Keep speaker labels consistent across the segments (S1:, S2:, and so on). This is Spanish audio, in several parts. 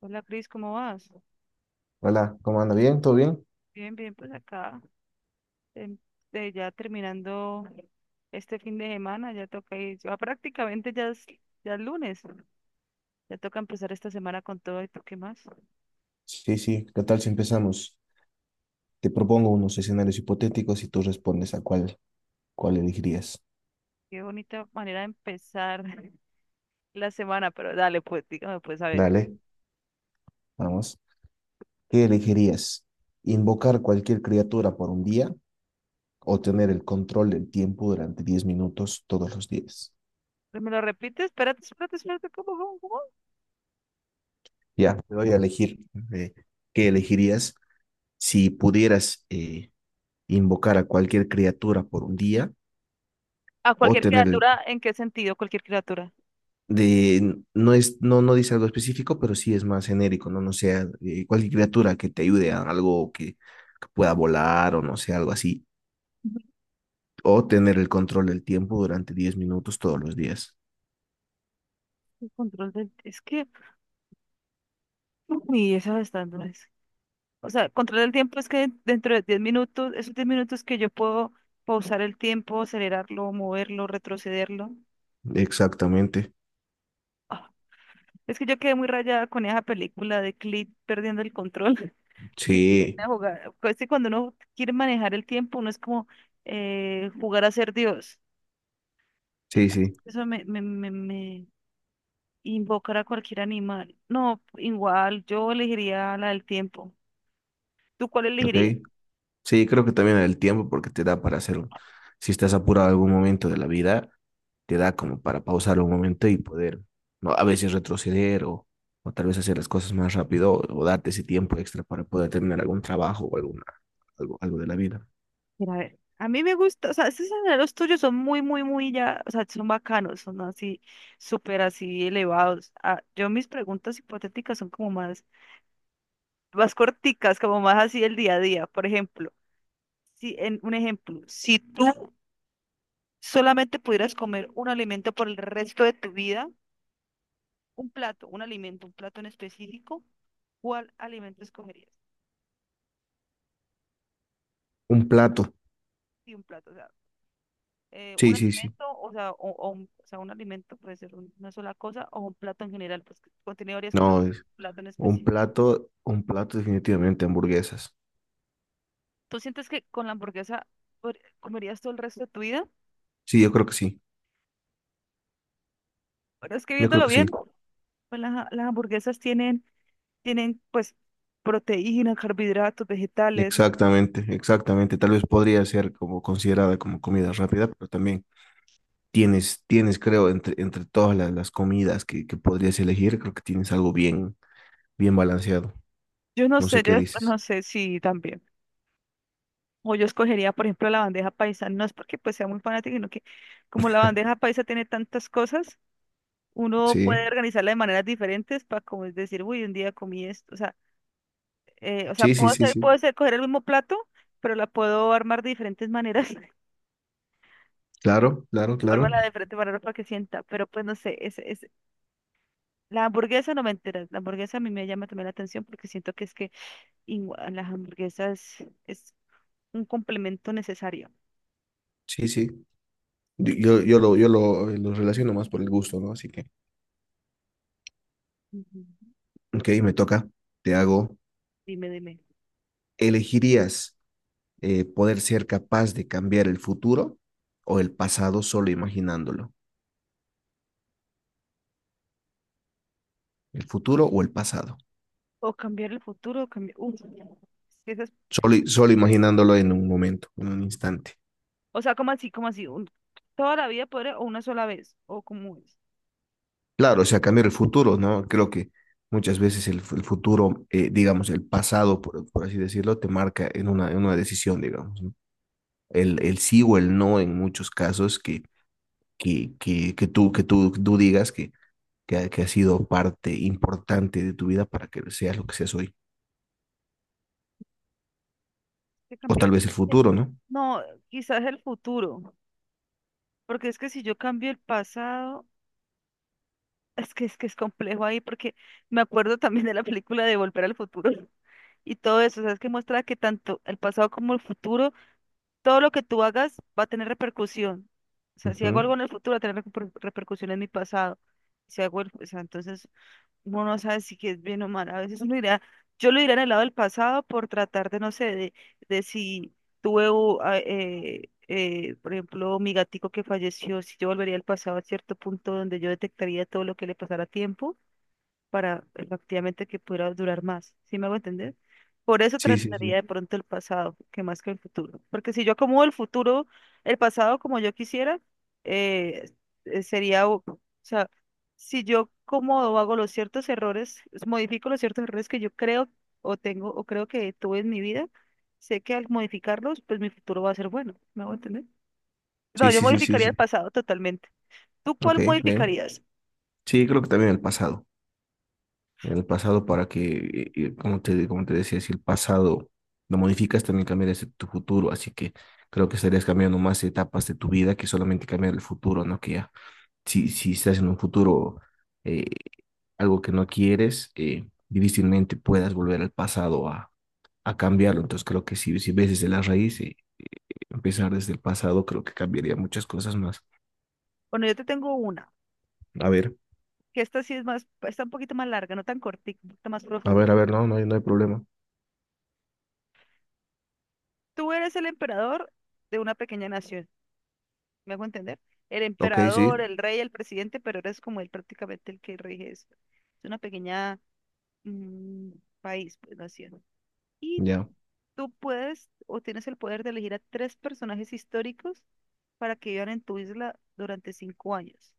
S1: Hola Cris, ¿cómo vas?
S2: Hola, ¿cómo anda? ¿Bien? ¿Todo bien?
S1: Bien, bien, pues acá em, ya terminando este fin de semana, ya toca ir, ya prácticamente ya es lunes, ya toca empezar esta semana con todo. Y tú, ¿qué más?
S2: Sí, sí, ¿qué tal si empezamos? Te propongo unos escenarios hipotéticos y tú respondes a cuál elegirías.
S1: Qué bonita manera de empezar la semana, pero dale, pues dígame, pues a ver,
S2: Dale. Vamos. ¿Qué elegirías? ¿Invocar cualquier criatura por un día o tener el control del tiempo durante 10 minutos todos los días?
S1: ¿me lo repites? Espérate, espérate, espérate, ¿cómo, cómo, cómo?
S2: Ya, te voy a elegir. eh, ¿Qué elegirías si pudieras invocar a cualquier criatura por un día
S1: A
S2: o
S1: cualquier
S2: tener el
S1: criatura, ¿en qué sentido? Cualquier criatura.
S2: de, no es, no, no dice algo específico, pero sí es más genérico, ¿no? No sea cualquier criatura que te ayude a algo que pueda volar o no sé, algo así. O tener el control del tiempo durante diez minutos todos los días.
S1: El control del... Es que, uy, esa está dura. O sea, controlar el tiempo es que dentro de 10 minutos, esos 10 minutos que yo puedo pausar el tiempo, acelerarlo, moverlo, retrocederlo.
S2: Exactamente.
S1: Ah, es que yo quedé muy rayada con esa película de Click perdiendo el control. que
S2: Sí,
S1: pues, es que cuando uno quiere manejar el tiempo, uno es como jugar a ser Dios.
S2: sí,
S1: Entonces,
S2: sí.
S1: eso me invocará a cualquier animal. No, igual, yo elegiría la del tiempo. ¿Tú cuál
S2: Ok.
S1: elegirías?
S2: Sí, creo que también el tiempo, porque te da para hacer, si estás apurado en algún momento de la vida, te da como para pausar un momento y poder, ¿no? A veces retroceder o tal vez hacer las cosas más rápido o darte ese tiempo extra para poder terminar algún trabajo o algo, algo de la vida.
S1: Mira, a ver, a mí me gusta, o sea, esos senderos tuyos son muy, muy, muy ya, o sea, son bacanos, son así, súper así elevados. Ah, yo mis preguntas hipotéticas son como más, más corticas, como más así el día a día. Por ejemplo, si en un ejemplo, si tú solamente pudieras comer un alimento por el resto de tu vida, un plato, un alimento, un plato en específico, ¿cuál alimento escogerías?
S2: Un plato,
S1: Y un plato, o sea, un
S2: sí, sí, sí.
S1: alimento, o sea, o sea, un alimento puede ser una sola cosa o un plato en general, pues que contiene varias cosas,
S2: No,
S1: un
S2: es
S1: plato en
S2: un
S1: específico.
S2: plato definitivamente hamburguesas.
S1: ¿Tú sientes que con la hamburguesa comerías todo el resto de tu vida?
S2: Sí, yo creo que sí,
S1: Pero es que
S2: yo creo
S1: viéndolo
S2: que sí.
S1: bien, pues las hamburguesas tienen, tienen pues proteínas, carbohidratos, vegetales.
S2: Exactamente, exactamente. Tal vez podría ser como considerada como comida rápida, pero también tienes, tienes, creo, entre todas las comidas que podrías elegir, creo que tienes algo bien, bien balanceado. No sé
S1: Yo
S2: qué dices.
S1: no sé si también. O yo escogería, por ejemplo, la bandeja paisa. No es porque pues sea muy fanática, sino que como la bandeja paisa tiene tantas cosas, uno puede
S2: Sí,
S1: organizarla de maneras diferentes para, como es decir, uy, un día comí esto. O sea,
S2: sí, sí, sí, sí.
S1: coger el mismo plato, pero la puedo armar de diferentes maneras.
S2: Claro, claro, claro.
S1: Armarla de diferentes maneras para que sienta. Pero pues no sé, es, la hamburguesa no me entera. La hamburguesa a mí me llama también la atención porque siento que es que igual, las hamburguesas es un complemento necesario.
S2: Sí, sí. Yo lo relaciono más por el gusto, ¿no? Así que,
S1: Ujú.
S2: ok, me toca. Te hago.
S1: Dime, dime.
S2: ¿Elegirías poder ser capaz de cambiar el futuro o el pasado solo imaginándolo? ¿El futuro o el pasado?
S1: O cambiar el futuro, o cambiar. Uf,
S2: Solo imaginándolo en un momento, en un instante.
S1: o sea, toda la vida poder, o una sola vez, o como es.
S2: Claro, o sea, cambiar el futuro, ¿no? Creo que muchas veces el futuro, digamos, el pasado, por así decirlo, te marca en una decisión, digamos, ¿no? El sí o el no en muchos casos que tú digas que ha que ha sido parte importante de tu vida para que seas lo que seas hoy.
S1: Que
S2: O
S1: cambiar.
S2: tal vez el
S1: eh,
S2: futuro, ¿no?
S1: No, quizás el futuro, porque es que si yo cambio el pasado, es que es complejo ahí, porque me acuerdo también de la película de Volver al Futuro y todo eso, sabes que muestra que tanto el pasado como el futuro, todo lo que tú hagas va a tener repercusión. O sea, si hago algo
S2: Ujú.
S1: en el futuro, va a tener repercusión en mi pasado. Si hago el, o sea, entonces uno no sabe si que es bien o mal. A veces uno irá, yo lo iré en el lado del pasado por tratar de, no sé, de si por ejemplo, mi gatico que falleció, si yo volvería al pasado a cierto punto donde yo detectaría todo lo que le pasara a tiempo para efectivamente que pudiera durar más, ¿sí me hago entender? Por eso
S2: Sí, sí,
S1: trataría de
S2: sí.
S1: pronto el pasado, que más que el futuro, porque si yo acomodo el futuro, el pasado como yo quisiera, eh, sería, o sea, si yo acomodo, hago los ciertos errores, modifico los ciertos errores que yo creo o tengo o creo que tuve en mi vida, sé que al modificarlos, pues mi futuro va a ser bueno, ¿me hago entender? No,
S2: Sí,
S1: yo
S2: sí, sí, sí,
S1: modificaría el
S2: sí.
S1: pasado totalmente. ¿Tú
S2: Ok,
S1: cuál
S2: bien.
S1: modificarías?
S2: Sí, creo que también el pasado. El pasado para que, como te decía, si el pasado lo modificas, también cambias tu futuro. Así que creo que estarías cambiando más etapas de tu vida que solamente cambiar el futuro, ¿no? Que ya, si estás en un futuro, eh, algo que no quieres, difícilmente puedas volver al pasado a cambiarlo. Entonces creo que si ves desde la raíz, empezar desde el pasado, creo que cambiaría muchas cosas más.
S1: Bueno, yo te tengo una.
S2: A ver,
S1: Que esta sí es más, está un poquito más larga, no tan cortita, un poquito más
S2: a
S1: profunda.
S2: ver, a ver, no, no hay, no hay problema.
S1: Tú eres el emperador de una pequeña nación, ¿me hago entender? El
S2: Ok,
S1: emperador,
S2: sí,
S1: el rey, el presidente, pero eres como él prácticamente el que rige eso. Es una pequeña mm, país, pues, nación. Y
S2: ya.
S1: tú puedes, o tienes el poder de elegir a 3 personajes históricos para que vivan en tu isla durante 5 años,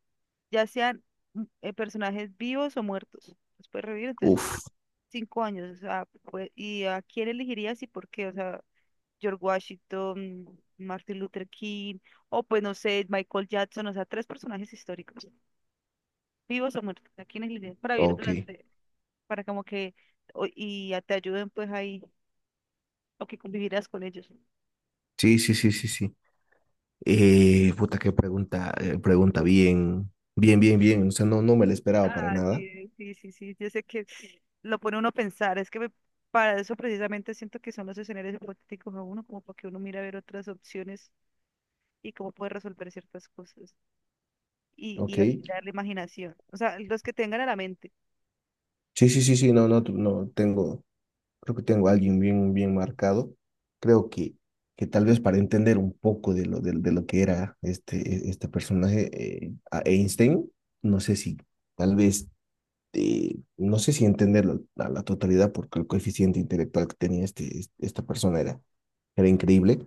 S1: ya sean personajes vivos o muertos. Los puedes revivir, entonces
S2: Uf,
S1: 5 años, o sea, pues, ¿y a quién elegirías y por qué? O sea, George Washington, Martin Luther King, o pues no sé, Michael Jackson, o sea, 3 personajes históricos, vivos o muertos, ¿a quién elegirías para vivir
S2: ok.
S1: durante, para como que, te ayuden pues ahí, o que convivieras con ellos?
S2: Sí, sí, sí, sí, sí. Puta, qué pregunta, pregunta bien, bien, bien, bien. O sea, no, no me la esperaba para
S1: Ah,
S2: nada.
S1: sí, sí, sí, sí, yo sé que lo pone uno a pensar, para eso precisamente siento que son los escenarios hipotéticos a uno, como para que uno mire a ver otras opciones y cómo puede resolver ciertas cosas. Y
S2: Ok.
S1: afinar la imaginación. O sea, los que tengan a la mente.
S2: Sí, sí, sí, sí, no, no, tu- no, tengo, creo que tengo a alguien bien, bien marcado. Creo que tal vez para entender un poco de lo que era este, e- este personaje, a Einstein, no sé si, tal vez, no sé si entenderlo a la totalidad, porque el coeficiente intelectual que tenía este, este- esta persona era, era increíble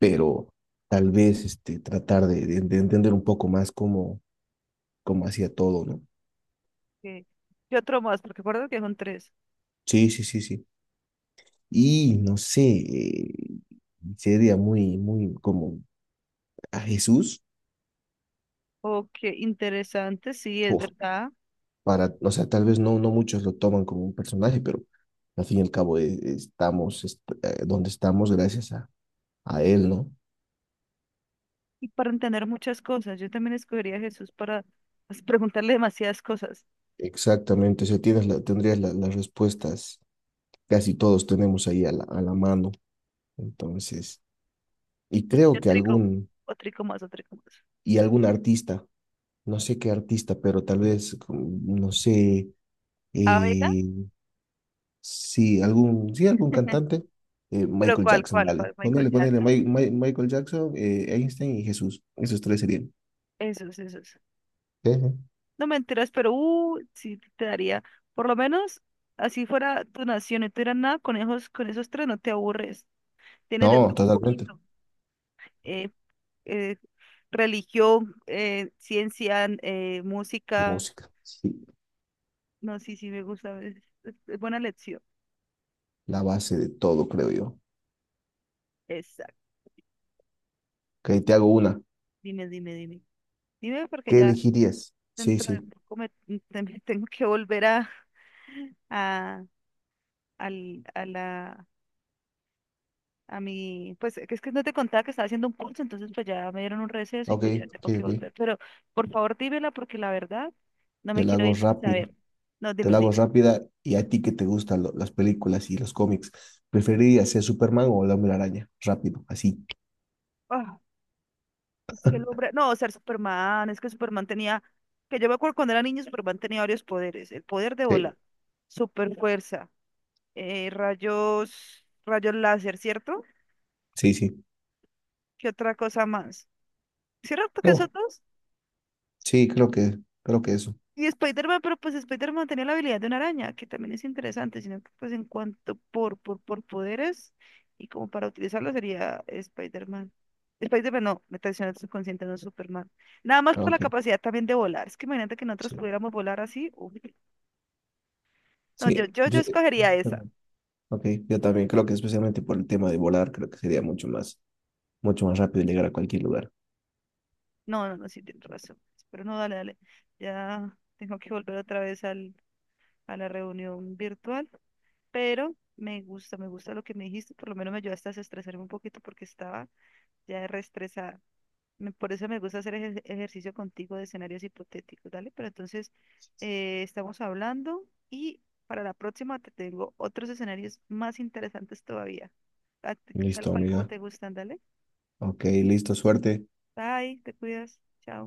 S2: pero tal vez este, tratar de entender un poco más cómo, cómo hacía todo, ¿no?
S1: Que ¿Qué otro más? Porque recuerdo que son 3.
S2: Sí, sí, sí, sí. Y no sé, sería muy, muy como a Jesús,
S1: Oh, qué interesante, sí, es
S2: o
S1: verdad.
S2: para, o sea, tal vez no, no muchos lo toman como un personaje, pero al fin y al cabo estamos est- donde estamos gracias a Él, ¿no?
S1: Y para entender muchas cosas. Yo también escogería a Jesús para, pues, preguntarle demasiadas cosas.
S2: Exactamente, o sea, tendrías las respuestas, casi todos tenemos ahí a la mano, entonces, y creo
S1: Yo
S2: que
S1: trico,
S2: algún
S1: o trico más, o trico más.
S2: y algún artista, no sé qué artista, pero tal vez, no sé,
S1: Ah, venga.
S2: eh, sí, algún cantante,
S1: Pero
S2: Michael
S1: ¿cuál,
S2: Jackson,
S1: cuál,
S2: vale.
S1: cuál? Michael
S2: Ponele, ponele,
S1: Jackson.
S2: Mi- Mi- Michael Jackson, Einstein y Jesús, esos tres serían.
S1: Esos, esos.
S2: Sí, sí.
S1: No, mentiras, pero sí te daría. Por lo menos, así fuera tu nación y tú eras nada, con esos 3 no te aburres. Tienes de todo
S2: No,
S1: un
S2: totalmente,
S1: poquito. eh, eh, Religión, ciencia,
S2: de
S1: música.
S2: música, sí,
S1: No, sí, sí, me gusta. Es buena lección.
S2: la base de todo, creo yo.
S1: Exacto.
S2: Ok, te hago una,
S1: Dime, dime, dime. Dime, porque
S2: ¿qué
S1: ya
S2: elegirías? Sí,
S1: dentro de
S2: sí,
S1: poco me, también tengo que volver a, a la... A mi, pues es que no te contaba que estaba haciendo un curso, entonces pues ya me dieron un receso y
S2: ok,
S1: pues ya
S2: ok,
S1: tengo que
S2: ok,
S1: volver. Pero por favor dímela porque la verdad no me
S2: te la
S1: quiero
S2: hago
S1: ir sin
S2: rápido.
S1: saber. No,
S2: Te
S1: dime,
S2: la hago rápida y a ti que te gustan las películas y los cómics, ¿preferirías ser Superman o el Hombre Araña? Rápido, así.
S1: dime. Es que el hombre, no, o sea, Superman, es que Superman tenía, que yo me acuerdo cuando era niño, Superman tenía varios poderes, el poder de
S2: Sí,
S1: volar, super fuerza, rayos, rayos láser, ¿cierto?
S2: sí, sí.
S1: ¿Qué otra cosa más? ¿Cierto que esos
S2: Oh,
S1: dos?
S2: sí, creo que eso.
S1: Y Spider-Man, pero pues Spider-Man tenía la habilidad de una araña, que también es interesante, sino que pues en cuanto por poderes y como para utilizarlo sería Spider-Man. Spider-Man no, me traiciona el subconsciente, no, Superman. Nada más
S2: Ah,
S1: por la
S2: ok,
S1: capacidad también de volar. Es que imagínate que nosotros
S2: sí,
S1: pudiéramos volar así. Uy. No,
S2: sí.
S1: yo
S2: Yo-
S1: escogería esa.
S2: ok, yo también creo que especialmente por el tema de volar, creo que sería mucho más rápido llegar a cualquier lugar.
S1: No, no, no, sí, tienes razón. Pero no, dale, dale. Ya tengo que volver otra vez al, a la reunión virtual. Pero me gusta lo que me dijiste. Por lo menos me ayudaste a desestresarme un poquito porque estaba ya reestresada. Por eso me gusta hacer ejercicio contigo de escenarios hipotéticos, ¿dale? Pero entonces estamos hablando y para la próxima te tengo otros escenarios más interesantes todavía, a- tal
S2: Listo,
S1: cual como
S2: amiga.
S1: te gustan, ¿dale?
S2: Ok, listo, suerte.
S1: Bye, te cuidas, chao.